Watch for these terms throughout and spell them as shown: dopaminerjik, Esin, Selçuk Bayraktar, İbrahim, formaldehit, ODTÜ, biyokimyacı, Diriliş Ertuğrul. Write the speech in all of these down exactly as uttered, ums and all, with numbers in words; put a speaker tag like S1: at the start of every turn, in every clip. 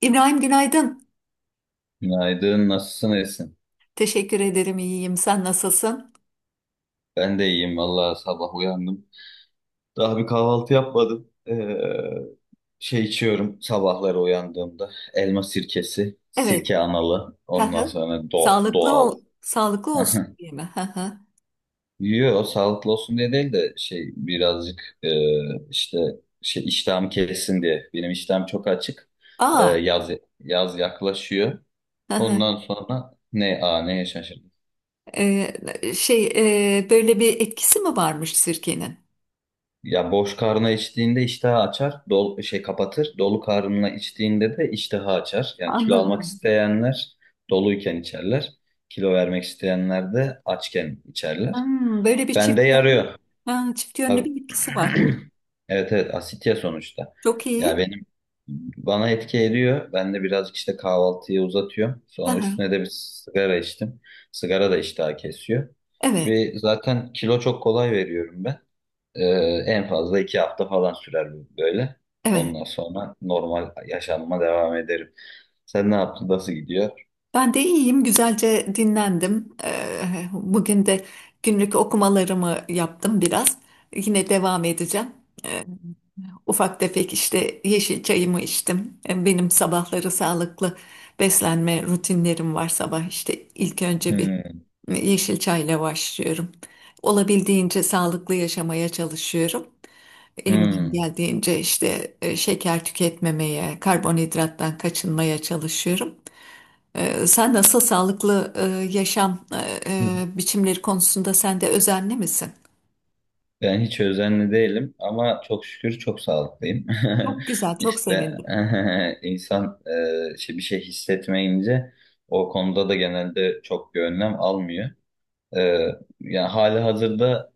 S1: İbrahim günaydın.
S2: Günaydın, nasılsın Esin?
S1: Teşekkür ederim, iyiyim. Sen nasılsın?
S2: Ben de iyiyim vallahi sabah uyandım. Daha bir kahvaltı yapmadım. Ee, şey içiyorum sabahları uyandığımda. Elma sirkesi,
S1: Evet.
S2: sirke analı.
S1: Hı
S2: Ondan
S1: hı.
S2: sonra do
S1: Sağlıklı
S2: doğal.
S1: ol, sağlıklı olsun diye mi? Hı hı.
S2: Yiyor, sağlıklı olsun diye değil de şey birazcık e, işte şey iştahım kesin diye. Benim iştahım çok açık. Ee,
S1: Aa.
S2: yaz yaz yaklaşıyor.
S1: Hı hı.
S2: Ondan sonra ne a neye şaşırdım.
S1: Ee, şey e, Böyle bir etkisi mi varmış sirkenin?
S2: Ya boş karnına içtiğinde iştahı açar, dol şey kapatır. Dolu karnına içtiğinde de iştahı açar. Yani kilo almak
S1: Anladım.
S2: isteyenler doluyken içerler. Kilo vermek isteyenler de açken içerler.
S1: Hmm, böyle bir
S2: Bende
S1: çift yönlü,
S2: yarıyor.
S1: ha, çift yönlü
S2: Tabii.
S1: bir etkisi var.
S2: Evet, evet, asit ya sonuçta.
S1: Çok
S2: Ya
S1: iyi.
S2: benim bana etki ediyor. Ben de birazcık işte kahvaltıyı uzatıyorum.
S1: Hı
S2: Sonra
S1: hı.
S2: üstüne de bir sigara içtim. Sigara da iştahı kesiyor.
S1: Evet,
S2: Ve zaten kilo çok kolay veriyorum ben. Ee, en fazla iki hafta falan sürer bu böyle.
S1: evet.
S2: Ondan sonra normal yaşamıma devam ederim. Sen ne yaptın? Nasıl gidiyor?
S1: Ben de iyiyim. Güzelce dinlendim. Ee, bugün de günlük okumalarımı yaptım biraz. Yine devam edeceğim. Ee, Ufak tefek işte yeşil çayımı içtim. E, Benim sabahları sağlıklı beslenme rutinlerim var sabah. İşte ilk önce bir
S2: Hmm,
S1: yeşil çayla başlıyorum. Olabildiğince sağlıklı yaşamaya çalışıyorum. Elimden
S2: hmm.
S1: geldiğince işte e, şeker tüketmemeye, karbonhidrattan kaçınmaya çalışıyorum. E, Sen nasıl sağlıklı e, yaşam e, e, biçimleri konusunda sen de özenli misin?
S2: Ben hiç özenli değilim ama çok şükür çok sağlıklıyım.
S1: Çok güzel, çok
S2: İşte
S1: sevindim.
S2: insan e, işte bir şey hissetmeyince o konuda da genelde çok bir önlem almıyor. Ee, yani hali hazırda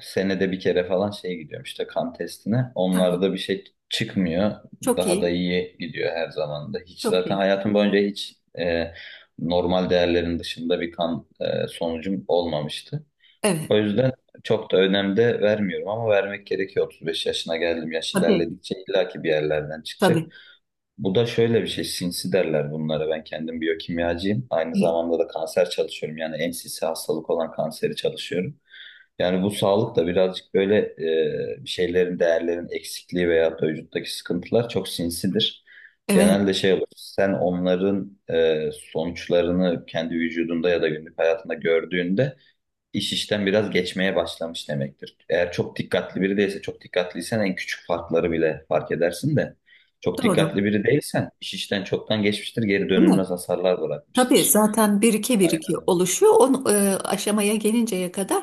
S2: senede bir kere falan şey gidiyorum işte kan testine. Onlarda bir şey çıkmıyor.
S1: Çok
S2: Daha da
S1: iyi,
S2: iyi gidiyor her zaman da. Hiç
S1: çok
S2: zaten
S1: iyi.
S2: hayatım boyunca hiç e, normal değerlerin dışında bir kan e, sonucum olmamıştı.
S1: Evet.
S2: O yüzden çok da önem de vermiyorum ama vermek gerekiyor. otuz beş yaşına geldim. Yaş
S1: Tabii.
S2: ilerledikçe illaki bir yerlerden
S1: Tabii.
S2: çıkacak. Bu da şöyle bir şey, sinsi derler bunlara. Ben kendim biyokimyacıyım. Aynı zamanda da kanser çalışıyorum. Yani en sinsi hastalık olan kanseri çalışıyorum. Yani bu sağlık da birazcık böyle e, bir şeylerin, değerlerin eksikliği veya da vücuttaki sıkıntılar çok sinsidir.
S1: Evet,
S2: Genelde şey olur, sen onların e, sonuçlarını kendi vücudunda ya da günlük hayatında gördüğünde iş işten biraz geçmeye başlamış demektir. Eğer çok dikkatli biri değilse, çok dikkatliysen en küçük farkları bile fark edersin de çok
S1: doğru.
S2: dikkatli biri değilsen iş işten çoktan geçmiştir, geri
S1: Değil
S2: dönülmez
S1: mi?
S2: hasarlar
S1: Tabii
S2: bırakmıştır.
S1: zaten birike birike
S2: Yani,
S1: oluşuyor. O aşamaya gelinceye kadar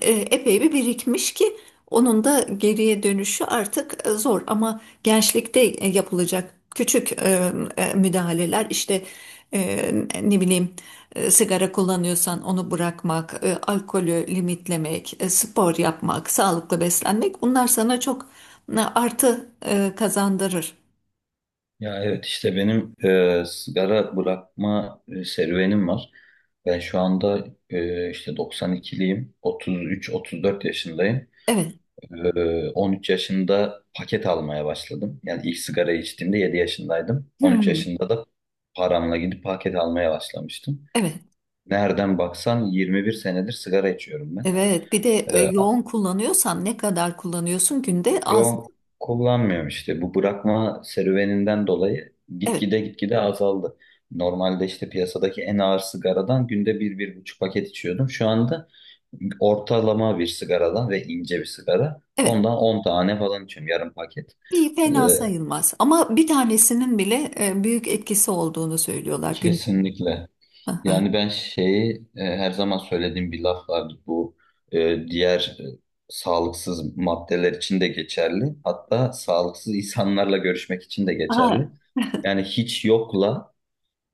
S1: e, epey bir birikmiş ki onun da geriye dönüşü artık e, zor. Ama gençlikte e, yapılacak küçük e, e, müdahaleler işte e, ne bileyim e, sigara kullanıyorsan onu bırakmak, e, alkolü limitlemek, e, spor yapmak, sağlıklı beslenmek bunlar sana çok e, artı e, kazandırır.
S2: ya evet işte benim e, sigara bırakma e, serüvenim var. Ben şu anda e, işte doksan ikiliyim, otuz üç otuz dört yaşındayım.
S1: Evet.
S2: Ee, on üç yaşında paket almaya başladım. Yani ilk sigara içtiğimde yedi yaşındaydım. on üç
S1: Hmm.
S2: yaşında da paramla gidip paket almaya başlamıştım.
S1: Evet,
S2: Nereden baksan yirmi bir senedir sigara içiyorum ben.
S1: evet. Bir de e,
S2: Ee,
S1: yoğun kullanıyorsan ne kadar kullanıyorsun günde az.
S2: yok kullanmıyorum işte. Bu bırakma serüveninden dolayı
S1: Evet,
S2: gitgide gitgide azaldı. Normalde işte piyasadaki en ağır sigaradan günde bir, bir buçuk paket içiyordum. Şu anda ortalama bir sigaradan ve ince bir sigara.
S1: evet.
S2: Ondan on tane falan içiyorum, yarım paket.
S1: İyi,
S2: Ee,
S1: fena sayılmaz. Ama bir tanesinin bile e, büyük etkisi olduğunu söylüyorlar gün.
S2: Kesinlikle.
S1: Aha.
S2: Yani ben şeyi e, her zaman söylediğim bir laf vardı. Bu e, diğer e, sağlıksız maddeler için de geçerli. Hatta sağlıksız insanlarla görüşmek için de
S1: Aha,
S2: geçerli. Yani hiç yokla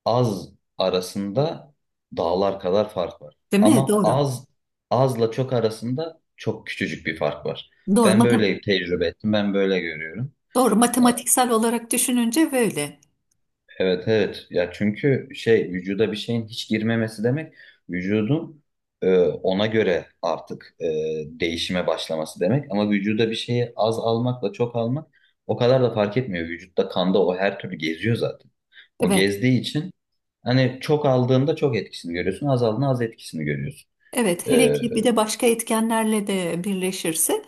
S2: az arasında dağlar kadar fark var.
S1: değil mi?
S2: Ama
S1: Doğru.
S2: az, azla çok arasında çok küçücük bir fark var.
S1: Doğru.
S2: Ben
S1: Matem
S2: böyle tecrübe ettim. Ben böyle görüyorum.
S1: doğru.
S2: E,
S1: Matematiksel olarak düşününce böyle.
S2: Evet, evet ya, çünkü şey vücuda bir şeyin hiç girmemesi demek vücudun e, ona göre artık e, değişime başlaması demek, ama vücuda bir şeyi az almakla çok almak o kadar da fark etmiyor. Vücutta, kanda o her türlü geziyor zaten. O
S1: Evet.
S2: gezdiği için hani çok aldığında çok etkisini görüyorsun, az aldığında az etkisini görüyorsun.
S1: Evet, hele
S2: e,
S1: ki bir de başka etkenlerle de birleşirse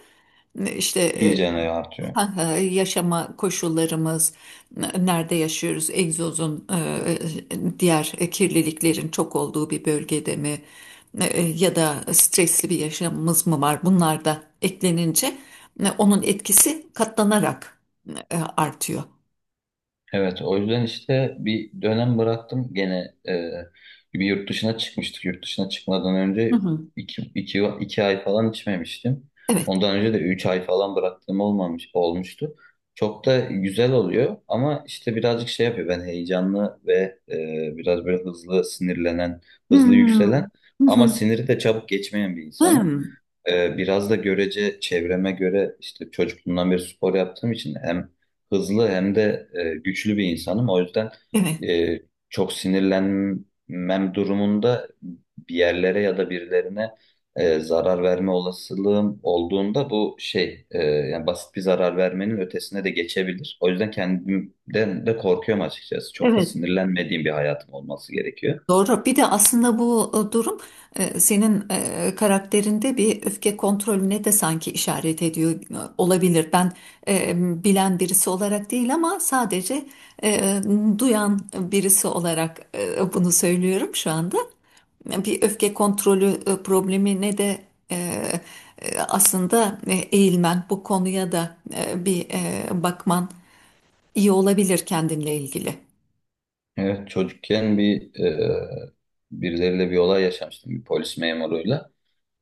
S1: işte e,
S2: iyice ne artıyor.
S1: ha, ha, yaşama koşullarımız, n- nerede yaşıyoruz, egzozun, e, e, diğer e, kirliliklerin çok olduğu bir bölgede mi? E, e, ya da stresli bir yaşamımız mı var? Bunlar da eklenince e, onun etkisi katlanarak e, artıyor.
S2: Evet, o yüzden işte bir dönem bıraktım. Gene e, bir yurt dışına çıkmıştık. Yurt dışına çıkmadan
S1: Hı
S2: önce
S1: hı.
S2: iki, iki, iki ay falan içmemiştim.
S1: Evet.
S2: Ondan önce de üç ay falan bıraktığım olmamış, olmuştu. Çok da güzel oluyor ama işte birazcık şey yapıyor. Ben heyecanlı ve e, biraz böyle hızlı sinirlenen, hızlı
S1: Hmm.
S2: yükselen
S1: Hı
S2: ama
S1: hı.
S2: siniri de çabuk geçmeyen bir insanım.
S1: Hmm.
S2: Ee, biraz da görece çevreme göre işte çocukluğumdan beri spor yaptığım için hem hızlı hem de e, güçlü bir insanım. O yüzden
S1: Evet.
S2: e, çok sinirlenmem durumunda bir yerlere ya da birilerine e, zarar verme olasılığım olduğunda bu şey e, yani basit bir zarar vermenin ötesine de geçebilir. O yüzden kendimden de korkuyorum açıkçası. Çok da
S1: Evet.
S2: sinirlenmediğim bir hayatım olması gerekiyor.
S1: Doğru. Bir de aslında bu e, durum e, senin e, karakterinde bir öfke kontrolüne de sanki işaret ediyor, e, olabilir. Ben e, bilen birisi olarak değil ama sadece e, duyan birisi olarak e, bunu söylüyorum şu anda. Bir öfke kontrolü e, problemine de e, e, aslında e, eğilmen, bu konuya da e, bir e, bakman iyi olabilir kendinle ilgili.
S2: Evet, çocukken bir e, birileriyle bir olay yaşamıştım, bir polis memuruyla.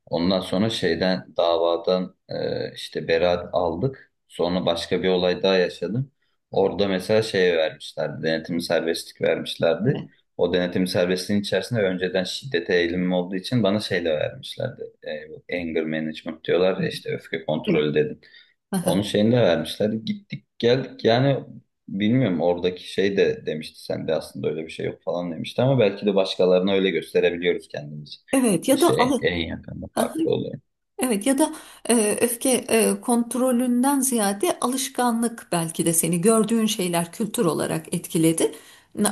S2: Ondan sonra şeyden, davadan e, işte beraat aldık. Sonra başka bir olay daha yaşadım. Orada mesela şey vermişlerdi, denetimli serbestlik vermişlerdi.
S1: Evet.
S2: O denetimli serbestliğin içerisinde önceden şiddete eğilimim olduğu için bana şey de vermişlerdi. E, bu anger management diyorlar ya,
S1: Evet.
S2: işte öfke
S1: Evet.
S2: kontrolü dedim. Onun
S1: Aha.
S2: şeyini de vermişler. Gittik geldik yani, bilmiyorum, oradaki şey de demişti sende aslında öyle bir şey yok falan demişti, ama belki de başkalarına öyle gösterebiliyoruz kendimizi.
S1: Evet ya
S2: İşte
S1: da
S2: en,
S1: alı.
S2: en yakında farklı oluyor.
S1: Evet ya da e, öfke e, kontrolünden ziyade alışkanlık, belki de seni gördüğün şeyler kültür olarak etkiledi.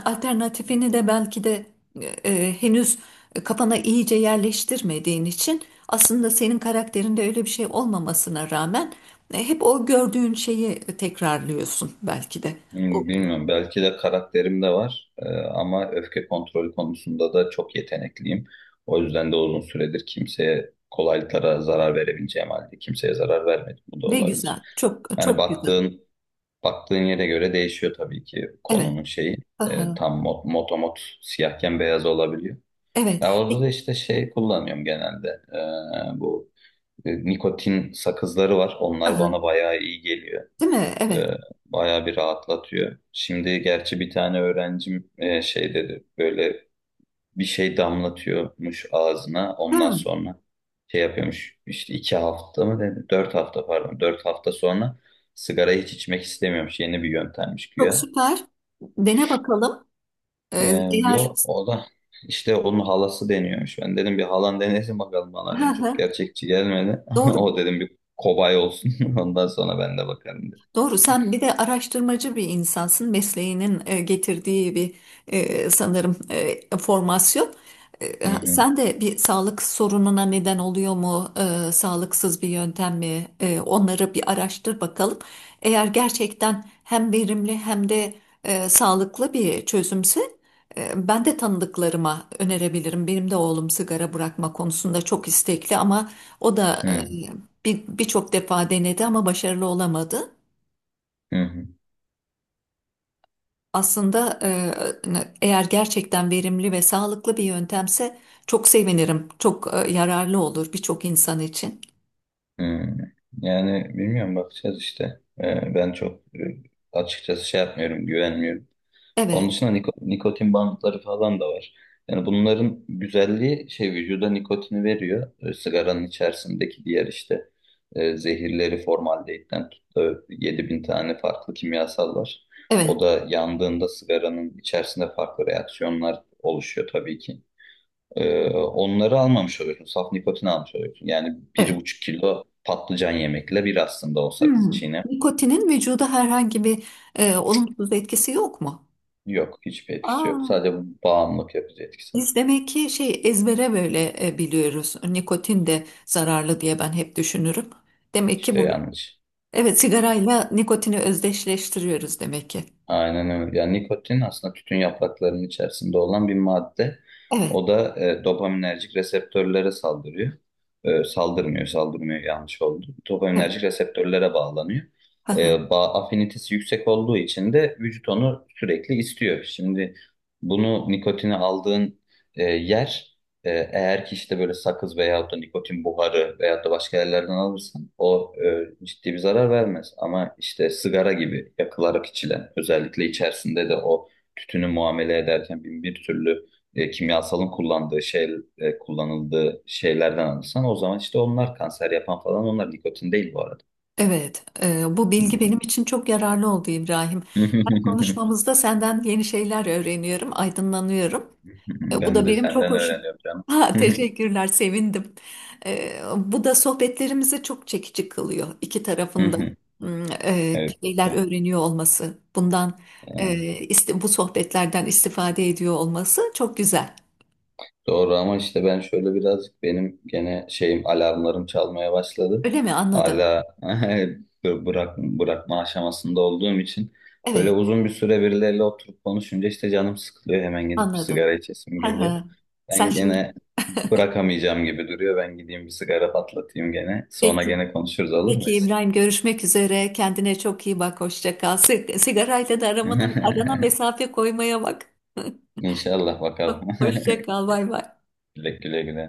S1: Alternatifini de belki de e, e, henüz kafana iyice yerleştirmediğin için aslında senin karakterinde öyle bir şey olmamasına rağmen e, hep o gördüğün şeyi tekrarlıyorsun belki de. O,
S2: Hmm, bilmiyorum, belki de karakterim de var. Ee, ama öfke kontrolü konusunda da çok yetenekliyim. O yüzden de uzun süredir kimseye kolaylıkla zarar verebileceğim halde kimseye zarar vermedim. Bu da
S1: ne
S2: olabilir.
S1: güzel, çok
S2: Yani
S1: çok güzel.
S2: baktığın Baktığın yere göre değişiyor tabii ki
S1: Evet,
S2: konunun şeyi. E,
S1: aha,
S2: tam mot, motomot siyahken beyaz olabiliyor.
S1: evet,
S2: Ya orada
S1: peki,
S2: da işte şey kullanıyorum genelde. E, bu e, nikotin sakızları var. Onlar
S1: aha,
S2: bana bayağı iyi geliyor.
S1: değil mi?
S2: E,
S1: Evet,
S2: bayağı bir rahatlatıyor. Şimdi gerçi bir tane öğrencim e, şey dedi. Böyle bir şey damlatıyormuş ağzına. Ondan
S1: ha,
S2: sonra şey yapıyormuş. İşte iki hafta mı dedi? Dört hafta pardon. Dört hafta sonra sigara hiç içmek istemiyormuş. Yeni bir yöntemmiş
S1: çok
S2: güya.
S1: süper. Dene bakalım. Ee,
S2: Ee,
S1: Eğer
S2: yok o da işte onun halası deniyormuş. Ben dedim bir halan denesin bakalım bana
S1: Hı
S2: dedim. Çok
S1: hı,
S2: gerçekçi gelmedi. Ama
S1: doğru.
S2: o dedim bir kobay olsun. Ondan sonra ben de bakarım dedim.
S1: Doğru, sen bir de araştırmacı bir insansın. Mesleğinin e, getirdiği bir e, sanırım e, formasyon. E,
S2: Hı
S1: ha-
S2: hı,
S1: sen de bir sağlık sorununa neden oluyor mu? E, sağlıksız bir yöntem mi? E, onları bir araştır bakalım. Eğer gerçekten hem verimli hem de e, sağlıklı bir çözümse e, ben de tanıdıklarıma önerebilirim. Benim de oğlum sigara bırakma konusunda çok istekli ama o da
S2: hı,
S1: e, bir- birçok defa denedi ama başarılı olamadı.
S2: hı,
S1: Aslında e, eğer gerçekten verimli ve sağlıklı bir yöntemse çok sevinirim. Çok e, yararlı olur birçok insan için.
S2: hı, hı. Yani bilmiyorum, bakacağız işte. Ee, ben çok e, açıkçası şey yapmıyorum, güvenmiyorum. Onun
S1: Evet,
S2: dışında niko- nikotin bantları falan da var. Yani bunların güzelliği şey vücuda nikotini veriyor. E, sigaranın içerisindeki diğer işte e, zehirleri, formaldehitten tut da yedi bin tane farklı kimyasal var. O
S1: evet,
S2: da yandığında sigaranın içerisinde farklı reaksiyonlar oluşuyor tabii ki. E, onları almamış oluyorsun. Saf nikotini almış oluyorsun. Yani bir
S1: evet.
S2: buçuk kilo patlıcan yemekle bir, aslında o sakızı
S1: Hmm.
S2: çiğne.
S1: Nikotinin vücuda herhangi bir e, olumsuz etkisi yok mu?
S2: Yok, hiçbir etkisi
S1: Aa,
S2: yok. Sadece bağımlılık yapıcı etkisi
S1: biz
S2: var.
S1: demek ki şey ezbere böyle e, biliyoruz. Nikotin de zararlı diye ben hep düşünürüm. Demek ki
S2: İşte
S1: bu
S2: yanlış.
S1: evet, sigarayla nikotini özdeşleştiriyoruz demek ki.
S2: Aynen öyle. Yani nikotin aslında tütün yapraklarının içerisinde olan bir madde.
S1: Evet,
S2: O da e, dopaminerjik reseptörlere saldırıyor. E, saldırmıyor, saldırmıyor yanlış oldu.
S1: evet.
S2: Dopaminerjik reseptörlere bağlanıyor. E, bağ, afinitesi yüksek olduğu için de vücut onu sürekli istiyor. Şimdi bunu, nikotini aldığın e, yer, e, eğer ki işte böyle sakız veyahut da nikotin buharı veyahut da başka yerlerden alırsan o e, ciddi bir zarar vermez. Ama işte sigara gibi yakılarak içilen, özellikle içerisinde de o tütünü muamele ederken bin bir türlü e, kimyasalın kullandığı şey e, kullanıldığı şeylerden alırsan, o zaman işte onlar kanser yapan falan, onlar nikotin değil bu arada.
S1: Evet, e, bu
S2: Hı
S1: bilgi
S2: hı.
S1: benim için çok yararlı oldu İbrahim. Bu konuşmamızda senden yeni şeyler öğreniyorum, aydınlanıyorum. E, bu
S2: Ben
S1: da
S2: de
S1: benim çok
S2: senden
S1: hoşum.
S2: öğreniyorum canım.
S1: Ha, teşekkürler, sevindim. E, bu da sohbetlerimizi çok çekici kılıyor iki tarafında. Bir
S2: Evet,
S1: şeyler
S2: güzel.
S1: öğreniyor olması, bundan e,
S2: Ee,
S1: iste- bu sohbetlerden istifade ediyor olması çok güzel.
S2: Doğru ama işte ben şöyle birazcık, benim gene şeyim, alarmlarım çalmaya başladı.
S1: Öyle mi? Anladım.
S2: Hala bı- bırak, bırakma aşamasında olduğum için böyle
S1: Evet,
S2: uzun bir süre birileriyle oturup konuşunca işte canım sıkılıyor. Hemen gidip bir
S1: anladım.
S2: sigara içesim
S1: Ha
S2: geliyor.
S1: ha. Sen
S2: Ben
S1: şimdi
S2: gene bırakamayacağım gibi duruyor. Ben gideyim bir sigara patlatayım gene. Sonra
S1: peki.
S2: gene konuşuruz, olur mu?
S1: Peki İbrahim, görüşmek üzere. Kendine çok iyi bak. Hoşça kal. Sig- sigarayla da aramana, arana mesafe koymaya bak.
S2: İnşallah, bakalım.
S1: Hoşça kal. Bay bay.
S2: Güle güle güle.